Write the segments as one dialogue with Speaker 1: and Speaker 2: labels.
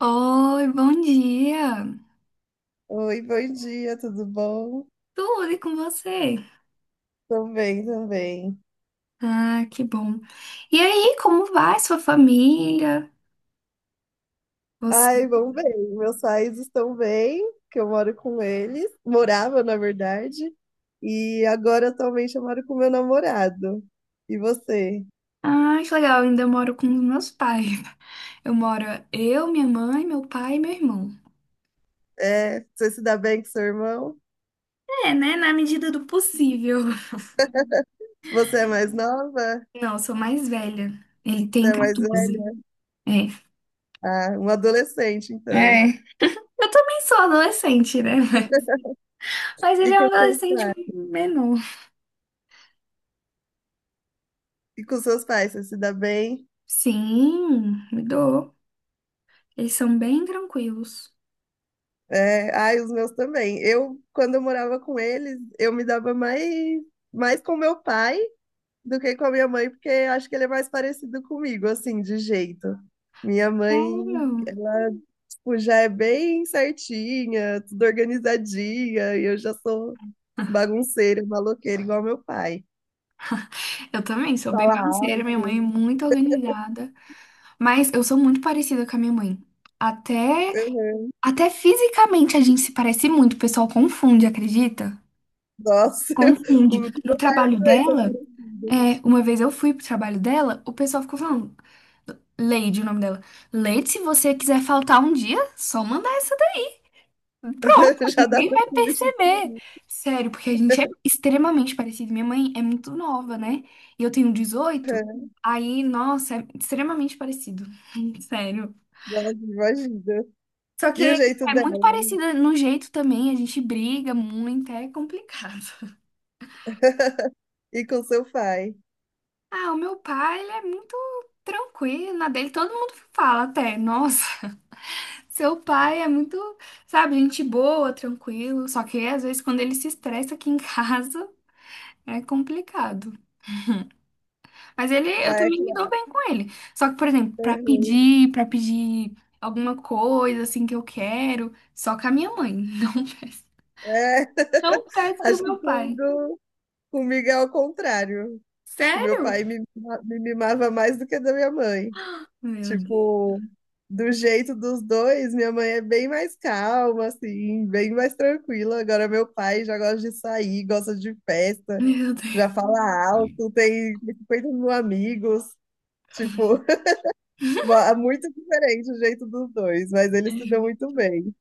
Speaker 1: Oi, bom dia!
Speaker 2: Oi, bom dia, tudo bom?
Speaker 1: Tudo e com você?
Speaker 2: Também, também.
Speaker 1: Ah, que bom. E aí, como vai sua família? Você?
Speaker 2: Ai, vão bem, meus pais estão bem, que eu moro com eles, morava, na verdade, e agora atualmente eu moro com meu namorado. E você?
Speaker 1: Ah, que legal, eu ainda moro com os meus pais. Eu moro eu, minha mãe, meu pai e meu irmão.
Speaker 2: É, você se dá bem com seu irmão?
Speaker 1: É, né? Na medida do possível.
Speaker 2: Você é mais nova?
Speaker 1: Não, eu sou mais velha. Ele tem
Speaker 2: Você é mais
Speaker 1: 14.
Speaker 2: velha?
Speaker 1: É.
Speaker 2: Ah, um adolescente, então.
Speaker 1: É. Eu também sou adolescente, né? Mas ele
Speaker 2: E
Speaker 1: é um
Speaker 2: com seus
Speaker 1: adolescente
Speaker 2: pais?
Speaker 1: menor.
Speaker 2: E com seus pais, você se dá bem?
Speaker 1: Sim, me dou. Eles são bem tranquilos.
Speaker 2: É, ai, os meus também. Eu, quando eu morava com eles, eu me dava mais com meu pai do que com a minha mãe, porque acho que ele é mais parecido comigo, assim, de jeito. Minha mãe,
Speaker 1: Sério?
Speaker 2: ela, tipo, já é bem certinha, tudo organizadinha, e eu já sou bagunceira, maloqueira, igual meu pai.
Speaker 1: Eu também sou bem
Speaker 2: Fala
Speaker 1: bagunceira, minha mãe
Speaker 2: alto.
Speaker 1: é muito organizada, mas eu sou muito parecida com a minha mãe. Até,
Speaker 2: Uhum.
Speaker 1: até fisicamente a gente se parece muito, o pessoal confunde, acredita?
Speaker 2: Nossa,
Speaker 1: Confunde.
Speaker 2: o com
Speaker 1: No
Speaker 2: meu pai eu
Speaker 1: trabalho
Speaker 2: também sou
Speaker 1: dela,
Speaker 2: parecida.
Speaker 1: é, uma vez eu fui pro trabalho dela, o pessoal ficou falando, Leide, o nome dela. Leide, se você quiser faltar um dia, só mandar. Pronto,
Speaker 2: Já dá
Speaker 1: ninguém
Speaker 2: pra
Speaker 1: vai
Speaker 2: se vestir,
Speaker 1: perceber. Sério, porque a gente é extremamente parecido. Minha mãe é muito nova, né? E eu tenho 18. Aí, nossa, é extremamente parecido. Sério.
Speaker 2: imagina.
Speaker 1: Só que
Speaker 2: E o jeito
Speaker 1: é
Speaker 2: dela.
Speaker 1: muito parecida no jeito também, a gente briga muito, é complicado.
Speaker 2: E com seu pai.
Speaker 1: Ah, o meu pai, ele é muito tranquilo, na dele todo mundo fala até, nossa, seu pai é muito, sabe, gente boa, tranquilo, só que às vezes quando ele se estressa aqui em casa, é complicado. Mas ele, eu
Speaker 2: Ai,
Speaker 1: também
Speaker 2: que.
Speaker 1: me dou bem com ele. Só que, por exemplo, pra
Speaker 2: Uhum.
Speaker 1: pedir, pra pedir alguma coisa assim que eu quero, só com a minha mãe. Não peço.
Speaker 2: É,
Speaker 1: Não peço pro
Speaker 2: acho que
Speaker 1: meu pai.
Speaker 2: comigo, comigo é ao contrário. Acho que meu
Speaker 1: Sério?
Speaker 2: pai me mimava mais do que da minha mãe.
Speaker 1: Meu Deus.
Speaker 2: Tipo, do jeito dos dois, minha mãe é bem mais calma, assim, bem mais tranquila. Agora meu pai já gosta de sair, gosta de festa,
Speaker 1: Meu
Speaker 2: já
Speaker 1: Deus.
Speaker 2: fala alto, tem 50 mil amigos. Tipo, é muito diferente o jeito dos dois, mas eles se dão
Speaker 1: Ju.
Speaker 2: muito bem.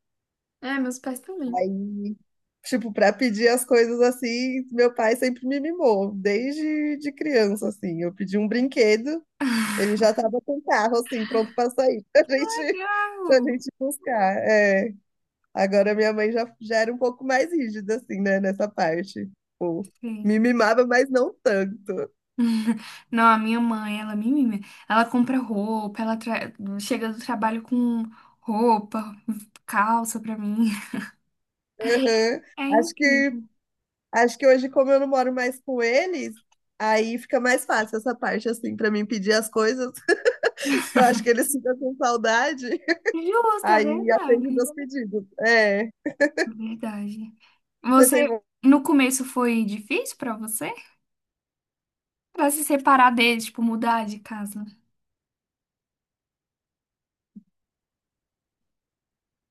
Speaker 1: É, meus pais também.
Speaker 2: Aí, tipo, para pedir as coisas assim, meu pai sempre me mimou, desde de criança, assim. Eu pedi um brinquedo, ele já estava com o carro, assim, pronto para sair, pra
Speaker 1: Legal.
Speaker 2: gente buscar. É. Agora minha mãe já era um pouco mais rígida, assim, né, nessa parte. Tipo, me
Speaker 1: Sim.
Speaker 2: mimava, mas não tanto.
Speaker 1: Não, a minha mãe, ela me mima. Ela compra roupa, ela tra- chega do trabalho com roupa, calça pra mim.
Speaker 2: Aham.
Speaker 1: É
Speaker 2: Acho que,
Speaker 1: incrível.
Speaker 2: acho que hoje, como eu não moro mais com eles, aí fica mais fácil essa parte, assim, para mim pedir as coisas. Eu acho que eles ficam com saudade.
Speaker 1: Justo, é
Speaker 2: Aí atende
Speaker 1: verdade.
Speaker 2: meus pedidos. É.
Speaker 1: Verdade.
Speaker 2: Você
Speaker 1: Você,
Speaker 2: tem. vo-
Speaker 1: no começo foi difícil pra você? Pra se separar deles, tipo, mudar de casa?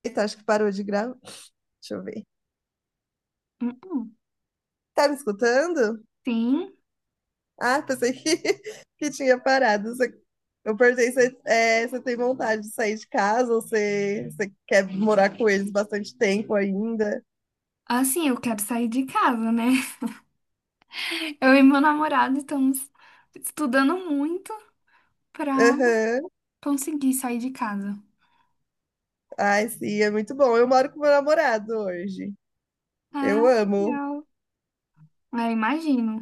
Speaker 2: Eita, acho que parou de gravar. Deixa eu ver.
Speaker 1: Uhum.
Speaker 2: Tá me escutando?
Speaker 1: Sim.
Speaker 2: Ah, pensei que, que tinha parado. Você... Eu perguntei se é, você tem vontade de sair de casa ou você quer morar com eles bastante tempo ainda.
Speaker 1: Assim, eu quero sair de casa, né? Eu e meu namorado estamos estudando muito pra
Speaker 2: Aham.
Speaker 1: conseguir sair de casa.
Speaker 2: Ai, sim, é muito bom. Eu moro com meu namorado hoje.
Speaker 1: Ah,
Speaker 2: Eu amo.
Speaker 1: legal. É, imagino.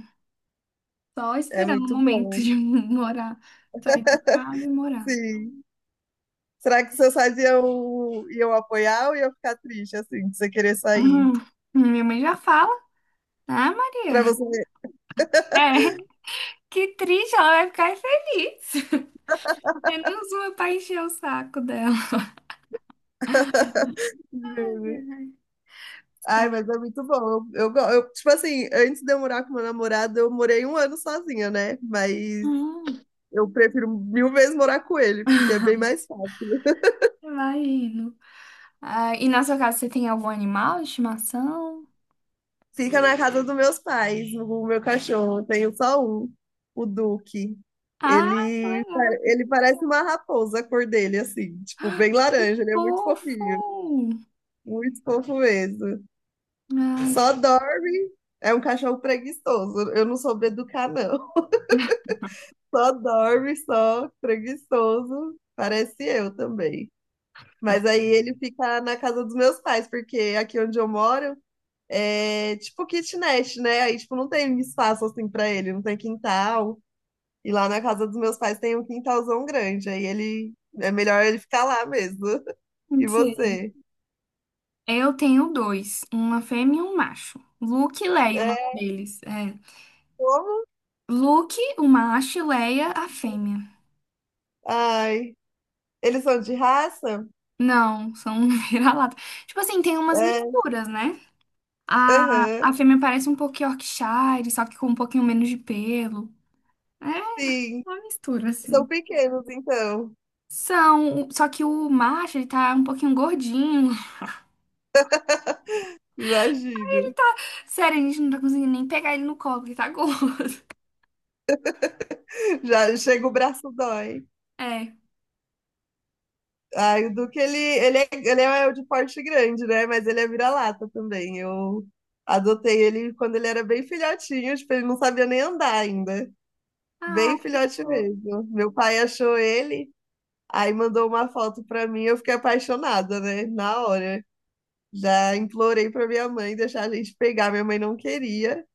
Speaker 1: Só
Speaker 2: É
Speaker 1: esperando o
Speaker 2: muito
Speaker 1: momento
Speaker 2: bom.
Speaker 1: de morar, sair de casa e morar.
Speaker 2: Sim. Será que seus pais iam apoiar ou iam ficar triste assim, de você querer sair?
Speaker 1: Hum, minha mãe já fala. Ah, Maria.
Speaker 2: Pra você.
Speaker 1: É, que triste, ela vai ficar feliz. Menos uma pra encher o saco dela.
Speaker 2: Ai, mas é muito bom. Eu, tipo assim, antes de eu morar com meu namorado, eu morei um ano sozinha, né? Mas
Speaker 1: Hum,
Speaker 2: eu prefiro mil vezes morar com ele, porque é bem mais fácil.
Speaker 1: vai indo. Ah, e na sua casa você tem algum animal de estimação?
Speaker 2: Fica na casa dos meus pais, o meu cachorro. Eu tenho só um, o Duque.
Speaker 1: Ah, que legal.
Speaker 2: Ele parece uma raposa, a cor dele, assim, tipo, bem laranja. Ele é muito
Speaker 1: Fofo.
Speaker 2: fofinho, muito fofo mesmo.
Speaker 1: Ai, que
Speaker 2: Só dorme. É um cachorro preguiçoso. Eu não soube educar, não. Só dorme, só preguiçoso. Parece eu também. Mas aí ele fica na casa dos meus pais, porque aqui onde eu moro é tipo kitnet, né? Aí, tipo, não tem espaço assim pra ele, não tem quintal. E lá na casa dos meus pais tem um quintalzão grande. Aí ele é melhor ele ficar lá mesmo.
Speaker 1: não
Speaker 2: E
Speaker 1: sei.
Speaker 2: você?
Speaker 1: Eu tenho dois, uma fêmea e um macho. Luke e Leia, o nome
Speaker 2: É,
Speaker 1: deles. É.
Speaker 2: como?
Speaker 1: Luke, o macho, e Leia, a fêmea.
Speaker 2: Ai, eles são de raça?
Speaker 1: Não, são vira-lata. Tipo assim, tem umas
Speaker 2: É,
Speaker 1: misturas, né? A,
Speaker 2: aham,
Speaker 1: a fêmea parece um pouco Yorkshire, só que com um pouquinho menos de pelo. É.
Speaker 2: sim.
Speaker 1: Uma mistura,
Speaker 2: São
Speaker 1: assim.
Speaker 2: pequenos, então.
Speaker 1: São, só que o macho, ele tá um pouquinho gordinho.
Speaker 2: Imagino.
Speaker 1: Sério, a gente não tá conseguindo nem pegar ele no colo, ele tá gordo.
Speaker 2: Já chega o braço dói.
Speaker 1: É.
Speaker 2: Ai, o Duque, ele é de porte grande, né? Mas ele é vira-lata também. Eu adotei ele quando ele era bem filhotinho, tipo, ele não sabia nem andar ainda.
Speaker 1: Ah,
Speaker 2: Bem
Speaker 1: que
Speaker 2: filhote
Speaker 1: fofo.
Speaker 2: mesmo. Meu pai achou ele, aí mandou uma foto pra mim, eu fiquei apaixonada, né? Na hora. Já implorei pra minha mãe deixar a gente pegar, minha mãe não queria,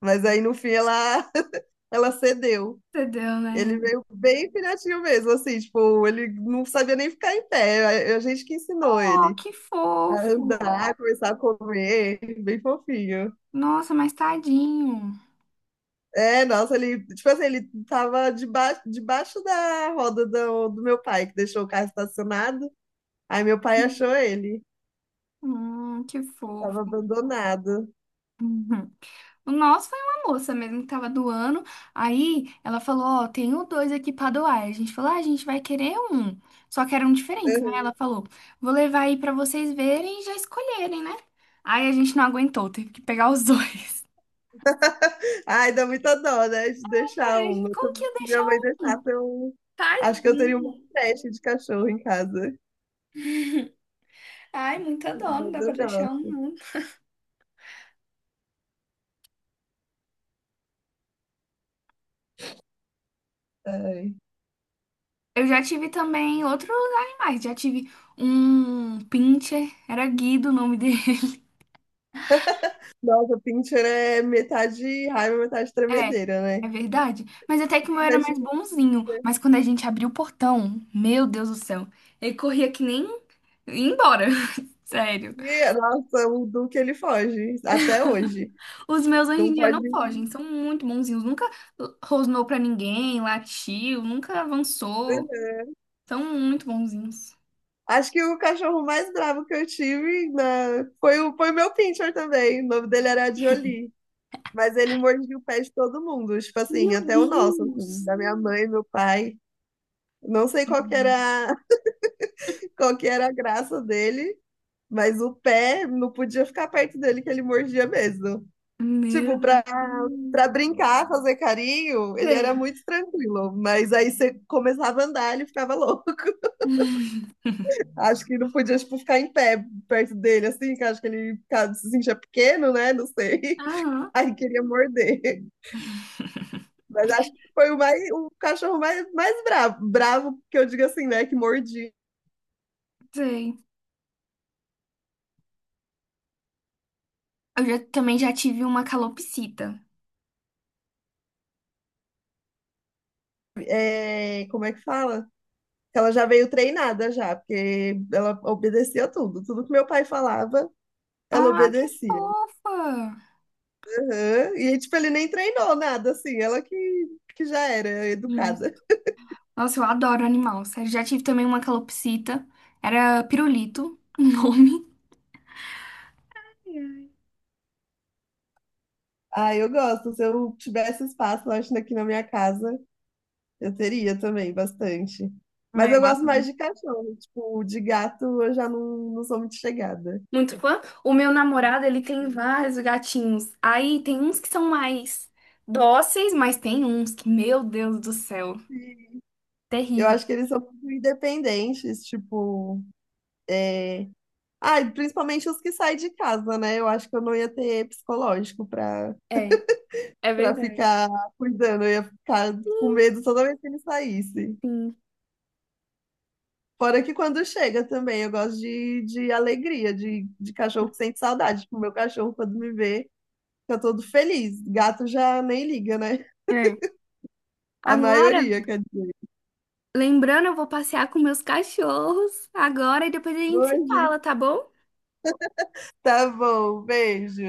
Speaker 2: mas aí no fim ela, ela cedeu.
Speaker 1: Entendeu,
Speaker 2: Ele
Speaker 1: né?
Speaker 2: veio bem filhotinho mesmo, assim, tipo, ele não sabia nem ficar em pé. A gente que ensinou
Speaker 1: Oh,
Speaker 2: ele
Speaker 1: que
Speaker 2: a
Speaker 1: fofo.
Speaker 2: andar, começar a comer, bem fofinho.
Speaker 1: Nossa, mas tadinho.
Speaker 2: É, nossa, ele, tipo assim, ele tava debaixo da roda do meu pai, que deixou o carro estacionado. Aí meu pai achou ele,
Speaker 1: Que
Speaker 2: tava
Speaker 1: fofo.
Speaker 2: abandonado.
Speaker 1: O nosso foi uma moça mesmo que tava doando. Aí ela falou: Ó, tenho dois aqui pra doar. A gente falou: Ah, a gente vai querer um. Só que eram diferentes, né? Ela falou: Vou levar aí pra vocês verem e já escolherem, né? Aí a gente não aguentou, teve que pegar os dois.
Speaker 2: Ai, dá muita dó, né, de deixar um.
Speaker 1: Ai, como
Speaker 2: Se
Speaker 1: que ia
Speaker 2: minha
Speaker 1: deixar
Speaker 2: mãe
Speaker 1: um?
Speaker 2: deixasse, eu acho que eu teria uma
Speaker 1: Tadinho.
Speaker 2: creche de cachorro em casa.
Speaker 1: Ai, muita dó, não
Speaker 2: Mas
Speaker 1: dá pra
Speaker 2: eu
Speaker 1: deixar um, não.
Speaker 2: gosto.
Speaker 1: Eu já tive também outros animais. Já tive um pincher, era Guido o nome dele.
Speaker 2: Nossa, Pinter é metade raiva, metade
Speaker 1: É,
Speaker 2: tremedeira,
Speaker 1: é
Speaker 2: né?
Speaker 1: verdade. Mas até que o meu
Speaker 2: Eu já
Speaker 1: era mais
Speaker 2: estive em
Speaker 1: bonzinho.
Speaker 2: Pinscher.
Speaker 1: Mas quando a gente abriu o portão, meu Deus do céu, ele corria que nem ia embora. Sério.
Speaker 2: E, nossa, o Duque ele foge, até hoje.
Speaker 1: Os meus hoje
Speaker 2: Não
Speaker 1: em dia
Speaker 2: pode.
Speaker 1: não fogem, são muito bonzinhos. Nunca rosnou pra ninguém, latiu, nunca avançou. São muito bonzinhos.
Speaker 2: Acho que o cachorro mais bravo que eu tive na... foi o meu Pinscher também. O nome dele era Jolie. Mas ele mordia o pé de todo mundo, tipo assim,
Speaker 1: Meu
Speaker 2: até o nosso, assim,
Speaker 1: Deus!
Speaker 2: da minha mãe, meu pai. Não sei qual que era, qual que era a graça dele, mas o pé não podia ficar perto dele, que ele mordia mesmo.
Speaker 1: Meu
Speaker 2: Tipo, pra
Speaker 1: Deus.
Speaker 2: para brincar, fazer carinho, ele era
Speaker 1: Sei.
Speaker 2: muito tranquilo. Mas aí você começava a andar, ele ficava louco. Acho que não podia, tipo, ficar em pé perto dele, assim, que acho que ele ficava, se sentia pequeno, né? Não sei.
Speaker 1: Aham,
Speaker 2: Aí queria morder. Mas acho que foi o cachorro mais bravo. Bravo, que eu digo assim, né? Que mordi.
Speaker 1: sei. Eu já- também já tive uma calopsita.
Speaker 2: É, como é que fala? Que ela já veio treinada já, porque ela obedecia tudo. Tudo que meu pai falava, ela
Speaker 1: Ah, que
Speaker 2: obedecia.
Speaker 1: fofa!
Speaker 2: Aham. E, tipo, ele nem treinou nada, assim, que já era educada.
Speaker 1: Nossa, eu adoro animal, sério. Já tive também uma calopsita. Era pirulito, o nome.
Speaker 2: Ah, eu gosto. Se eu tivesse espaço, eu acho, aqui na minha casa, eu teria também bastante.
Speaker 1: Um
Speaker 2: Mas eu gosto
Speaker 1: negócio
Speaker 2: mais de cachorro, tipo, de gato eu já não, não sou muito chegada.
Speaker 1: muito fã. O meu namorado, ele tem vários gatinhos. Aí tem uns que são mais dóceis, mas tem uns que, meu Deus do céu,
Speaker 2: Sim. Eu
Speaker 1: terrível.
Speaker 2: acho que eles são muito independentes, tipo, é... Ah, e principalmente os que saem de casa, né? Eu acho que eu não ia ter psicológico
Speaker 1: É, é
Speaker 2: pra
Speaker 1: verdade.
Speaker 2: ficar cuidando, eu ia ficar com medo toda vez que ele saísse.
Speaker 1: Sim.
Speaker 2: Fora que quando chega também, eu gosto de alegria, de cachorro que sente saudade. Tipo, meu cachorro, quando me vê, fica todo feliz. Gato já nem liga, né?
Speaker 1: É.
Speaker 2: A
Speaker 1: Agora,
Speaker 2: maioria, quer dizer.
Speaker 1: lembrando, eu vou passear com meus cachorros agora e depois a gente se
Speaker 2: Hoje,
Speaker 1: fala, tá bom?
Speaker 2: tá bom, beijo.